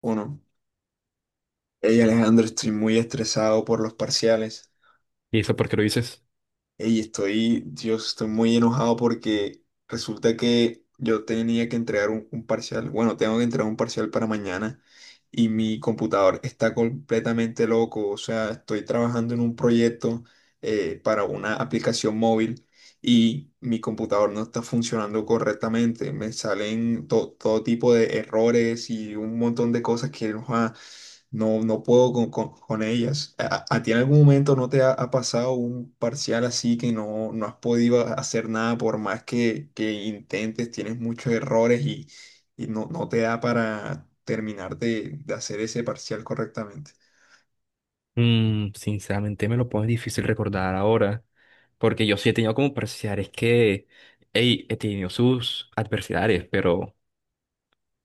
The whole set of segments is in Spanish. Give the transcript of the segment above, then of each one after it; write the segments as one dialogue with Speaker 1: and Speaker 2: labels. Speaker 1: Uno. Hey Alejandro, estoy muy estresado por los parciales.
Speaker 2: ¿Y eso por qué lo dices?
Speaker 1: Hey, estoy, Dios, estoy muy enojado porque resulta que yo tenía que entregar un parcial. Bueno, tengo que entregar un parcial para mañana y mi computador está completamente loco. O sea, estoy trabajando en un proyecto para una aplicación móvil y mi computador no está funcionando correctamente. Me salen todo tipo de errores y un montón de cosas que ujua, no puedo con ellas. ¿A ti en algún momento no te ha pasado un parcial así que no has podido hacer nada por más que intentes? Tienes muchos errores y, y no te da para terminar de hacer ese parcial correctamente.
Speaker 2: Sinceramente me lo pones difícil recordar ahora, porque yo sí he tenido como parciales que, hey, he tenido sus adversidades, pero,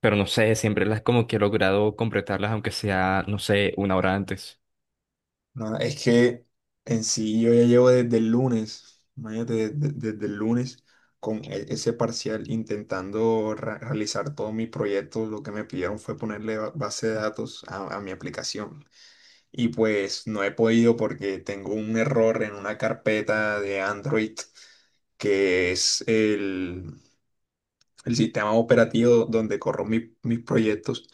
Speaker 2: pero no sé, siempre las como que he logrado completarlas, aunque sea, no sé, una hora antes.
Speaker 1: No, es que en sí yo ya llevo desde el lunes, imagínate, desde el lunes con ese parcial intentando realizar todos mis proyectos, lo que me pidieron fue ponerle base de datos a mi aplicación. Y pues no he podido porque tengo un error en una carpeta de Android que es el sistema operativo donde corro mis proyectos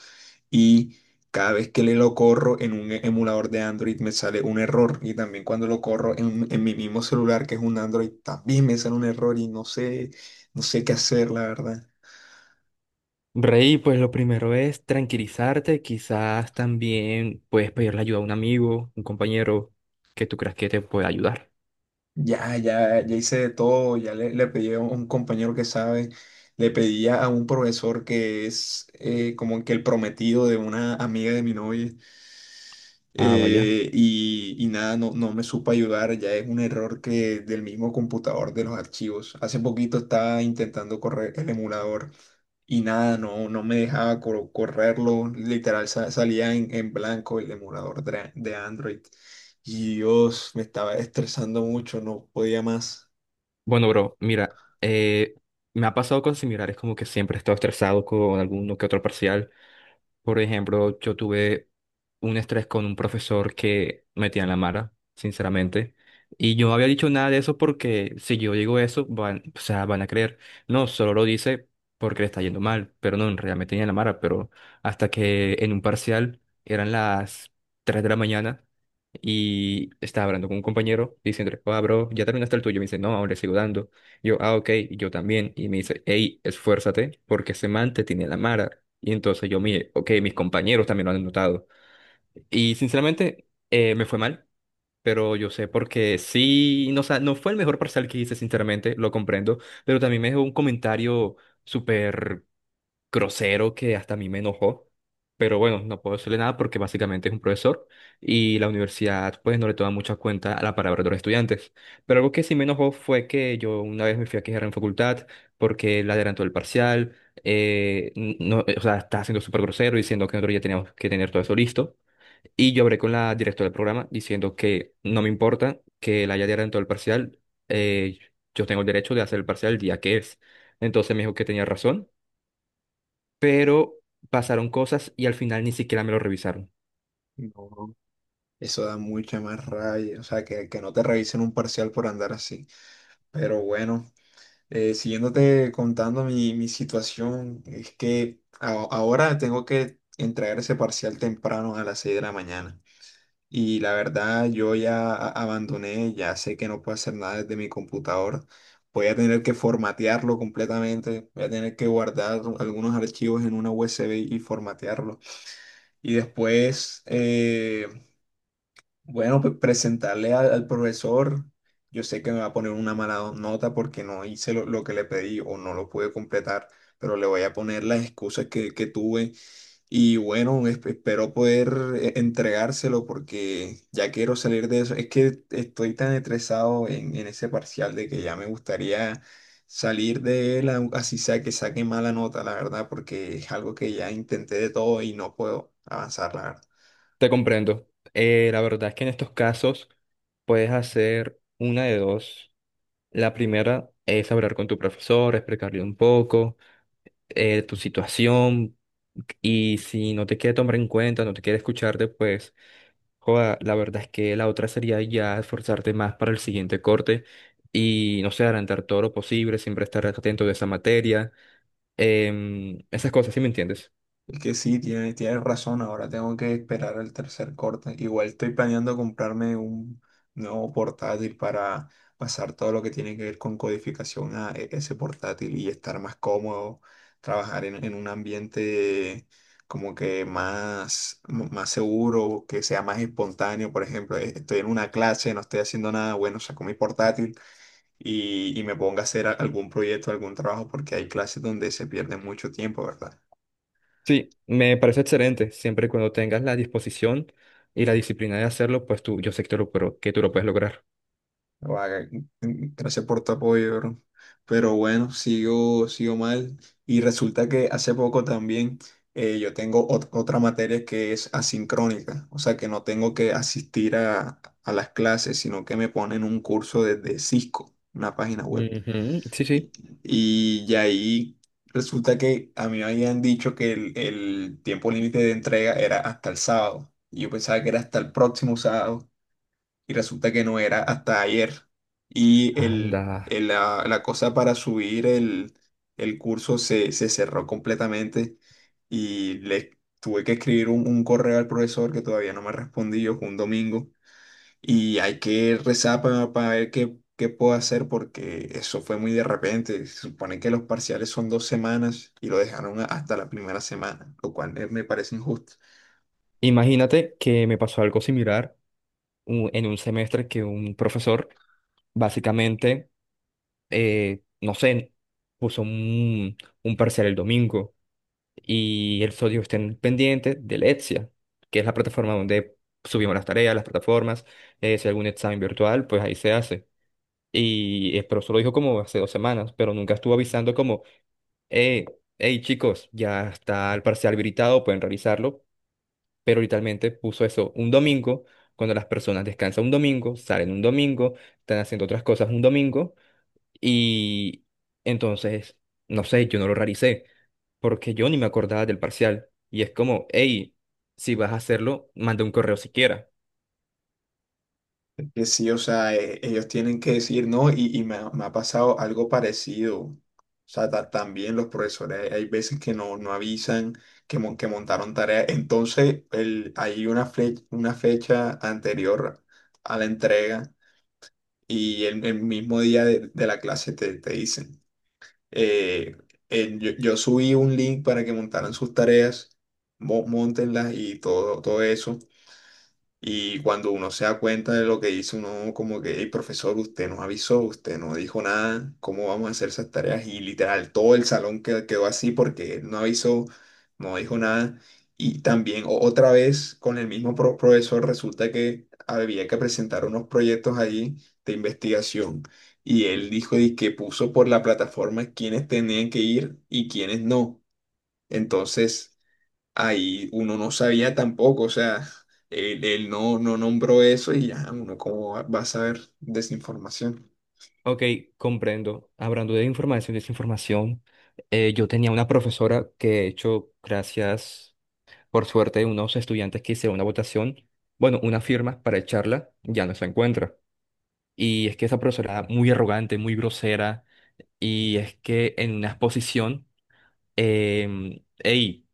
Speaker 1: y cada vez que le lo corro en un emulador de Android me sale un error y también cuando lo corro en mi mismo celular que es un Android también me sale un error y no sé, no sé qué hacer, la verdad.
Speaker 2: Rey, pues lo primero es tranquilizarte, quizás también puedes pedirle ayuda a un amigo, un compañero que tú creas que te pueda ayudar.
Speaker 1: Ya, ya, ya hice de todo, ya le pedí a un compañero que sabe, le pedí a un profesor que es como que el prometido de una amiga de mi novia
Speaker 2: Ah, vaya.
Speaker 1: y nada, no, no me supo ayudar, ya es un error que del mismo computador de los archivos. Hace poquito estaba intentando correr el emulador y nada, no, no me dejaba correrlo, literal salía en blanco el emulador de Android. Y Dios, me estaba estresando mucho, no podía más.
Speaker 2: Bueno, bro, mira, me ha pasado cosas similares, como que siempre he estado estresado con alguno que otro parcial. Por ejemplo, yo tuve un estrés con un profesor que metía en la mara, sinceramente. Y yo no había dicho nada de eso porque si yo digo eso, van, o sea, van a creer. No, solo lo dice porque le está yendo mal, pero no, en realidad me tenía en la mara. Pero hasta que en un parcial eran las 3 de la mañana. Y estaba hablando con un compañero diciendo, ah, bro, ya terminaste el tuyo. Me dice, no, aún le sigo dando. Yo, ah, ok, y yo también. Y me dice, hey, esfuérzate porque ese man te tiene la mara. Y entonces yo, mire, ok, mis compañeros también lo han notado. Y sinceramente, me fue mal, pero yo sé porque sí, no, o sea, no fue el mejor parcial que hice, sinceramente, lo comprendo, pero también me dejó un comentario súper grosero que hasta a mí me enojó. Pero bueno, no puedo decirle nada porque básicamente es un profesor y la universidad pues no le toma mucha cuenta a la palabra de los estudiantes. Pero algo que sí me enojó fue que yo una vez me fui a quejar en facultad porque él adelantó el parcial, no, o sea, está siendo súper grosero diciendo que nosotros ya teníamos que tener todo eso listo. Y yo hablé con la directora del programa diciendo que no me importa que él haya adelantado el parcial, eh, yo tengo el derecho de hacer el parcial el día que es. Entonces me dijo que tenía razón, pero pasaron cosas y al final ni siquiera me lo revisaron.
Speaker 1: No, eso da mucha más rabia, o sea, que no te revisen un parcial por andar así. Pero bueno. Siguiéndote contando mi, mi situación, es que ahora tengo que entregar ese parcial temprano a las 6 de la mañana. Y la verdad, yo ya abandoné, ya sé que no puedo hacer nada desde mi computador. Voy a tener que formatearlo completamente, voy a tener que guardar algunos archivos en una USB y formatearlo. Y después, bueno, pues presentarle al, al profesor, yo sé que me va a poner una mala nota porque no hice lo que le pedí o no lo pude completar, pero le voy a poner las excusas que tuve y bueno, espero poder entregárselo porque ya quiero salir de eso. Es que estoy tan estresado en ese parcial de que ya me gustaría salir de él, así sea que saque mala nota, la verdad, porque es algo que ya intenté de todo y no puedo avanzar, la verdad.
Speaker 2: Te comprendo. La verdad es que en estos casos puedes hacer una de dos. La primera es hablar con tu profesor, explicarle un poco tu situación, y si no te quiere tomar en cuenta, no te quiere escucharte, pues joda, la verdad es que la otra sería ya esforzarte más para el siguiente corte y no sé, adelantar todo lo posible, siempre estar atento de esa materia, esas cosas, ¿sí me entiendes?
Speaker 1: Es que sí, tienes razón, ahora tengo que esperar el tercer corte. Igual estoy planeando comprarme un nuevo portátil para pasar todo lo que tiene que ver con codificación a ese portátil y estar más cómodo, trabajar en un ambiente como que más, más seguro, que sea más espontáneo. Por ejemplo, estoy en una clase, no estoy haciendo nada, bueno, saco mi portátil y me pongo a hacer algún proyecto, algún trabajo, porque hay clases donde se pierde mucho tiempo, ¿verdad?
Speaker 2: Sí, me parece excelente. Siempre y cuando tengas la disposición y la disciplina de hacerlo, pues tú, yo sé que tú lo, pero que tú lo puedes lograr.
Speaker 1: Guau, gracias por tu apoyo, bro. Pero bueno, sigo, sigo mal. Y resulta que hace poco también yo tengo otra materia que es asincrónica, o sea que no tengo que asistir a las clases, sino que me ponen un curso desde Cisco, una página web.
Speaker 2: Ujú, sí,
Speaker 1: Y,
Speaker 2: sí.
Speaker 1: y de ahí resulta que a mí me habían dicho que el tiempo límite de entrega era hasta el sábado. Y yo pensaba que era hasta el próximo sábado y resulta que no era hasta ayer. Y el,
Speaker 2: Anda.
Speaker 1: la, la cosa para subir el curso se, se cerró completamente y le tuve que escribir un correo al profesor que todavía no me respondió, fue un domingo, y hay que rezar para ver qué, qué puedo hacer porque eso fue muy de repente. Se supone que los parciales son dos semanas y lo dejaron hasta la primera semana, lo cual me parece injusto.
Speaker 2: Imagínate que me pasó algo similar en un semestre que un profesor básicamente, no sé, puso un parcial el domingo y el sodio estén pendiente de Lexia, que es la plataforma donde subimos las tareas, las plataformas, si hay algún examen virtual, pues ahí se hace. Y, pero solo dijo como hace dos semanas, pero nunca estuvo avisando como, eh, hey chicos, ya está el parcial habilitado, pueden realizarlo. Pero literalmente puso eso un domingo, cuando las personas descansan un domingo, salen un domingo, están haciendo otras cosas un domingo. Y entonces, no sé, yo no lo realicé, porque yo ni me acordaba del parcial. Y es como, hey, si vas a hacerlo, manda un correo siquiera.
Speaker 1: Que sí, o sea, ellos tienen que decir no, y me ha pasado algo parecido. O sea, también los profesores, hay veces que no, no avisan que, que montaron tarea. Entonces, el, hay una, una fecha anterior a la entrega y el mismo día de la clase te, te dicen, eh, yo subí un link para que montaran sus tareas, móntenlas y todo, todo eso. Y cuando uno se da cuenta de lo que hizo, uno como que, hey, profesor, usted nos avisó, usted no dijo nada, ¿cómo vamos a hacer esas tareas? Y literal, todo el salón quedó así porque él no avisó, no dijo nada. Y también otra vez con el mismo profesor resulta que había que presentar unos proyectos allí de investigación. Y él dijo y que puso por la plataforma quiénes tenían que ir y quiénes no. Entonces ahí uno no sabía tampoco, o sea, él no, no nombró eso y ya uno cómo va a saber desinformación.
Speaker 2: Ok, comprendo. Hablando de información y desinformación, yo tenía una profesora que, de hecho, gracias por suerte, unos estudiantes que hicieron una votación, bueno, una firma para echarla, ya no se encuentra. Y es que esa profesora era muy arrogante, muy grosera, y es que en una exposición, ey,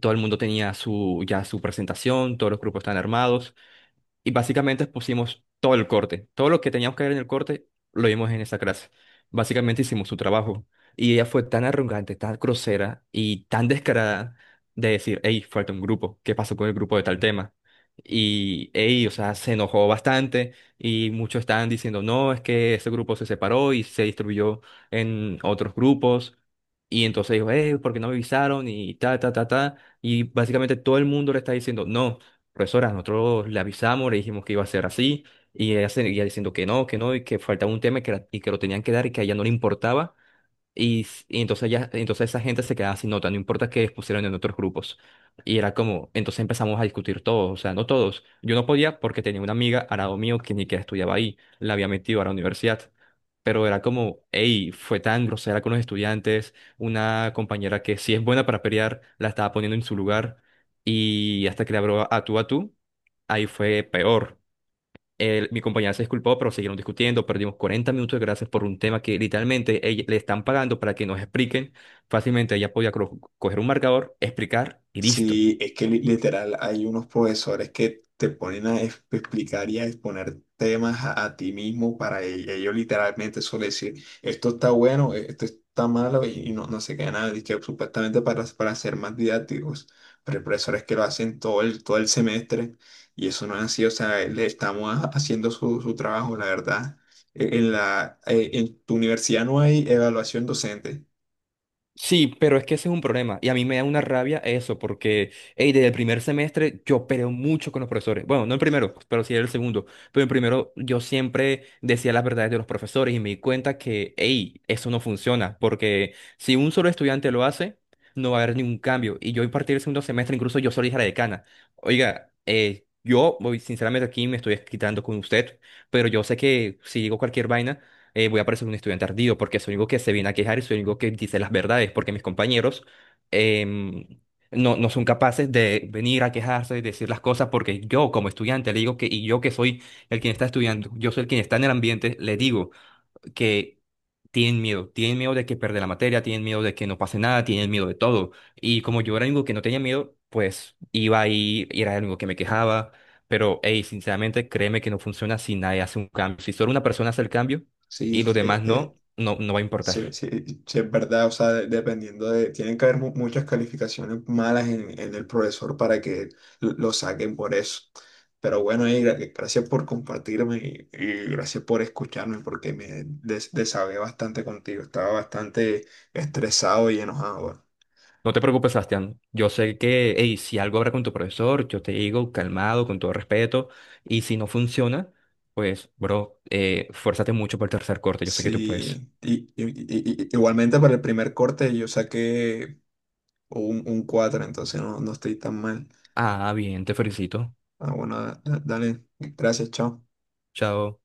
Speaker 2: todo el mundo tenía su, ya su presentación, todos los grupos están armados, y básicamente pusimos todo el corte. Todo lo que teníamos que ver en el corte lo vimos en esa clase. Básicamente hicimos su trabajo. Y ella fue tan arrogante, tan grosera y tan descarada de decir, hey, falta un grupo. ¿Qué pasó con el grupo de tal tema? Y ey, o sea, se enojó bastante y muchos estaban diciendo, no, es que ese grupo se separó y se distribuyó en otros grupos. Y entonces dijo, hey, ¿por qué no me avisaron? Y ta, ta, ta, ta. Y básicamente todo el mundo le está diciendo, no profesora, nosotros le avisamos, le dijimos que iba a ser así, y ella seguía diciendo que no, y que faltaba un tema y que, y que lo tenían que dar y que a ella no le importaba, y, y entonces ya, entonces esa gente se quedaba sin nota, no importa que pusieran en otros grupos. Y era como, entonces empezamos a discutir todos, o sea, no todos. Yo no podía porque tenía una amiga al lado mío que ni que estudiaba ahí, la había metido a la universidad. Pero era como, hey, fue tan grosera con los estudiantes, una compañera que sí es buena para pelear, la estaba poniendo en su lugar y hasta que le habló a tú, ahí fue peor. El- mi compañera se disculpó, pero siguieron discutiendo. Perdimos 40 minutos de gracias por un tema que literalmente ella- le están pagando para que nos expliquen. Fácilmente ella podía coger un marcador, explicar y listo.
Speaker 1: Sí, es que literal hay unos profesores que te ponen a explicar y a exponer temas a ti mismo para ellos, literalmente suelen decir, esto está bueno, esto está malo y no, no sé qué nada, y que supuestamente para ser más didácticos, pero hay profesores que lo hacen todo el semestre y eso no es así, o sea, le estamos haciendo su, su trabajo, la verdad. En la, en tu universidad no hay evaluación docente,
Speaker 2: Sí, pero es que ese es un problema y a mí me da una rabia eso porque, hey, desde el primer semestre yo peleo mucho con los profesores. Bueno, no el primero, pues, pero sí el segundo. Pero el primero yo siempre decía las verdades de los profesores y me di cuenta que, hey, eso no funciona porque si un solo estudiante lo hace, no va a haber ningún cambio. Y yo a partir del segundo semestre incluso yo solo dije a la decana, oiga, yo voy, sinceramente aquí me estoy quitando con usted, pero yo sé que si digo cualquier vaina voy a parecer un estudiante ardido porque soy el único que se viene a quejar y soy el único que dice las verdades, porque mis compañeros em, no son capaces de venir a quejarse, y decir las cosas, porque yo como estudiante le digo que, y yo que soy el quien está estudiando, yo soy el quien está en el ambiente, le digo que tienen miedo de que perder la materia, tienen miedo de que no pase nada, tienen miedo de todo. Y como yo era el único que no tenía miedo, pues iba ahí y era el único que me quejaba. Pero, hey, sinceramente, créeme que no funciona si nadie hace un cambio. Si solo una persona hace el cambio y
Speaker 1: sí.
Speaker 2: los
Speaker 1: E,
Speaker 2: demás
Speaker 1: e,
Speaker 2: no, no va a importar.
Speaker 1: sí, sí, sí, es verdad, o sea, dependiendo de, tienen que haber muchas calificaciones malas en el profesor para que lo saquen por eso. Pero bueno, y gracias por compartirme y gracias por escucharme porque me desahogué bastante contigo, estaba bastante estresado y enojado. Bueno.
Speaker 2: No te preocupes, Sebastián. Yo sé que, hey, si algo habrá con tu profesor, yo te digo calmado, con todo respeto. Y si no funciona, pues, bro, fuérzate mucho por el tercer corte. Yo sé que tú puedes.
Speaker 1: Sí, y, igualmente para el primer corte yo saqué un 4 entonces no, no estoy tan mal.
Speaker 2: Ah, bien, te felicito.
Speaker 1: Ah, bueno, dale, gracias, chao.
Speaker 2: Chao.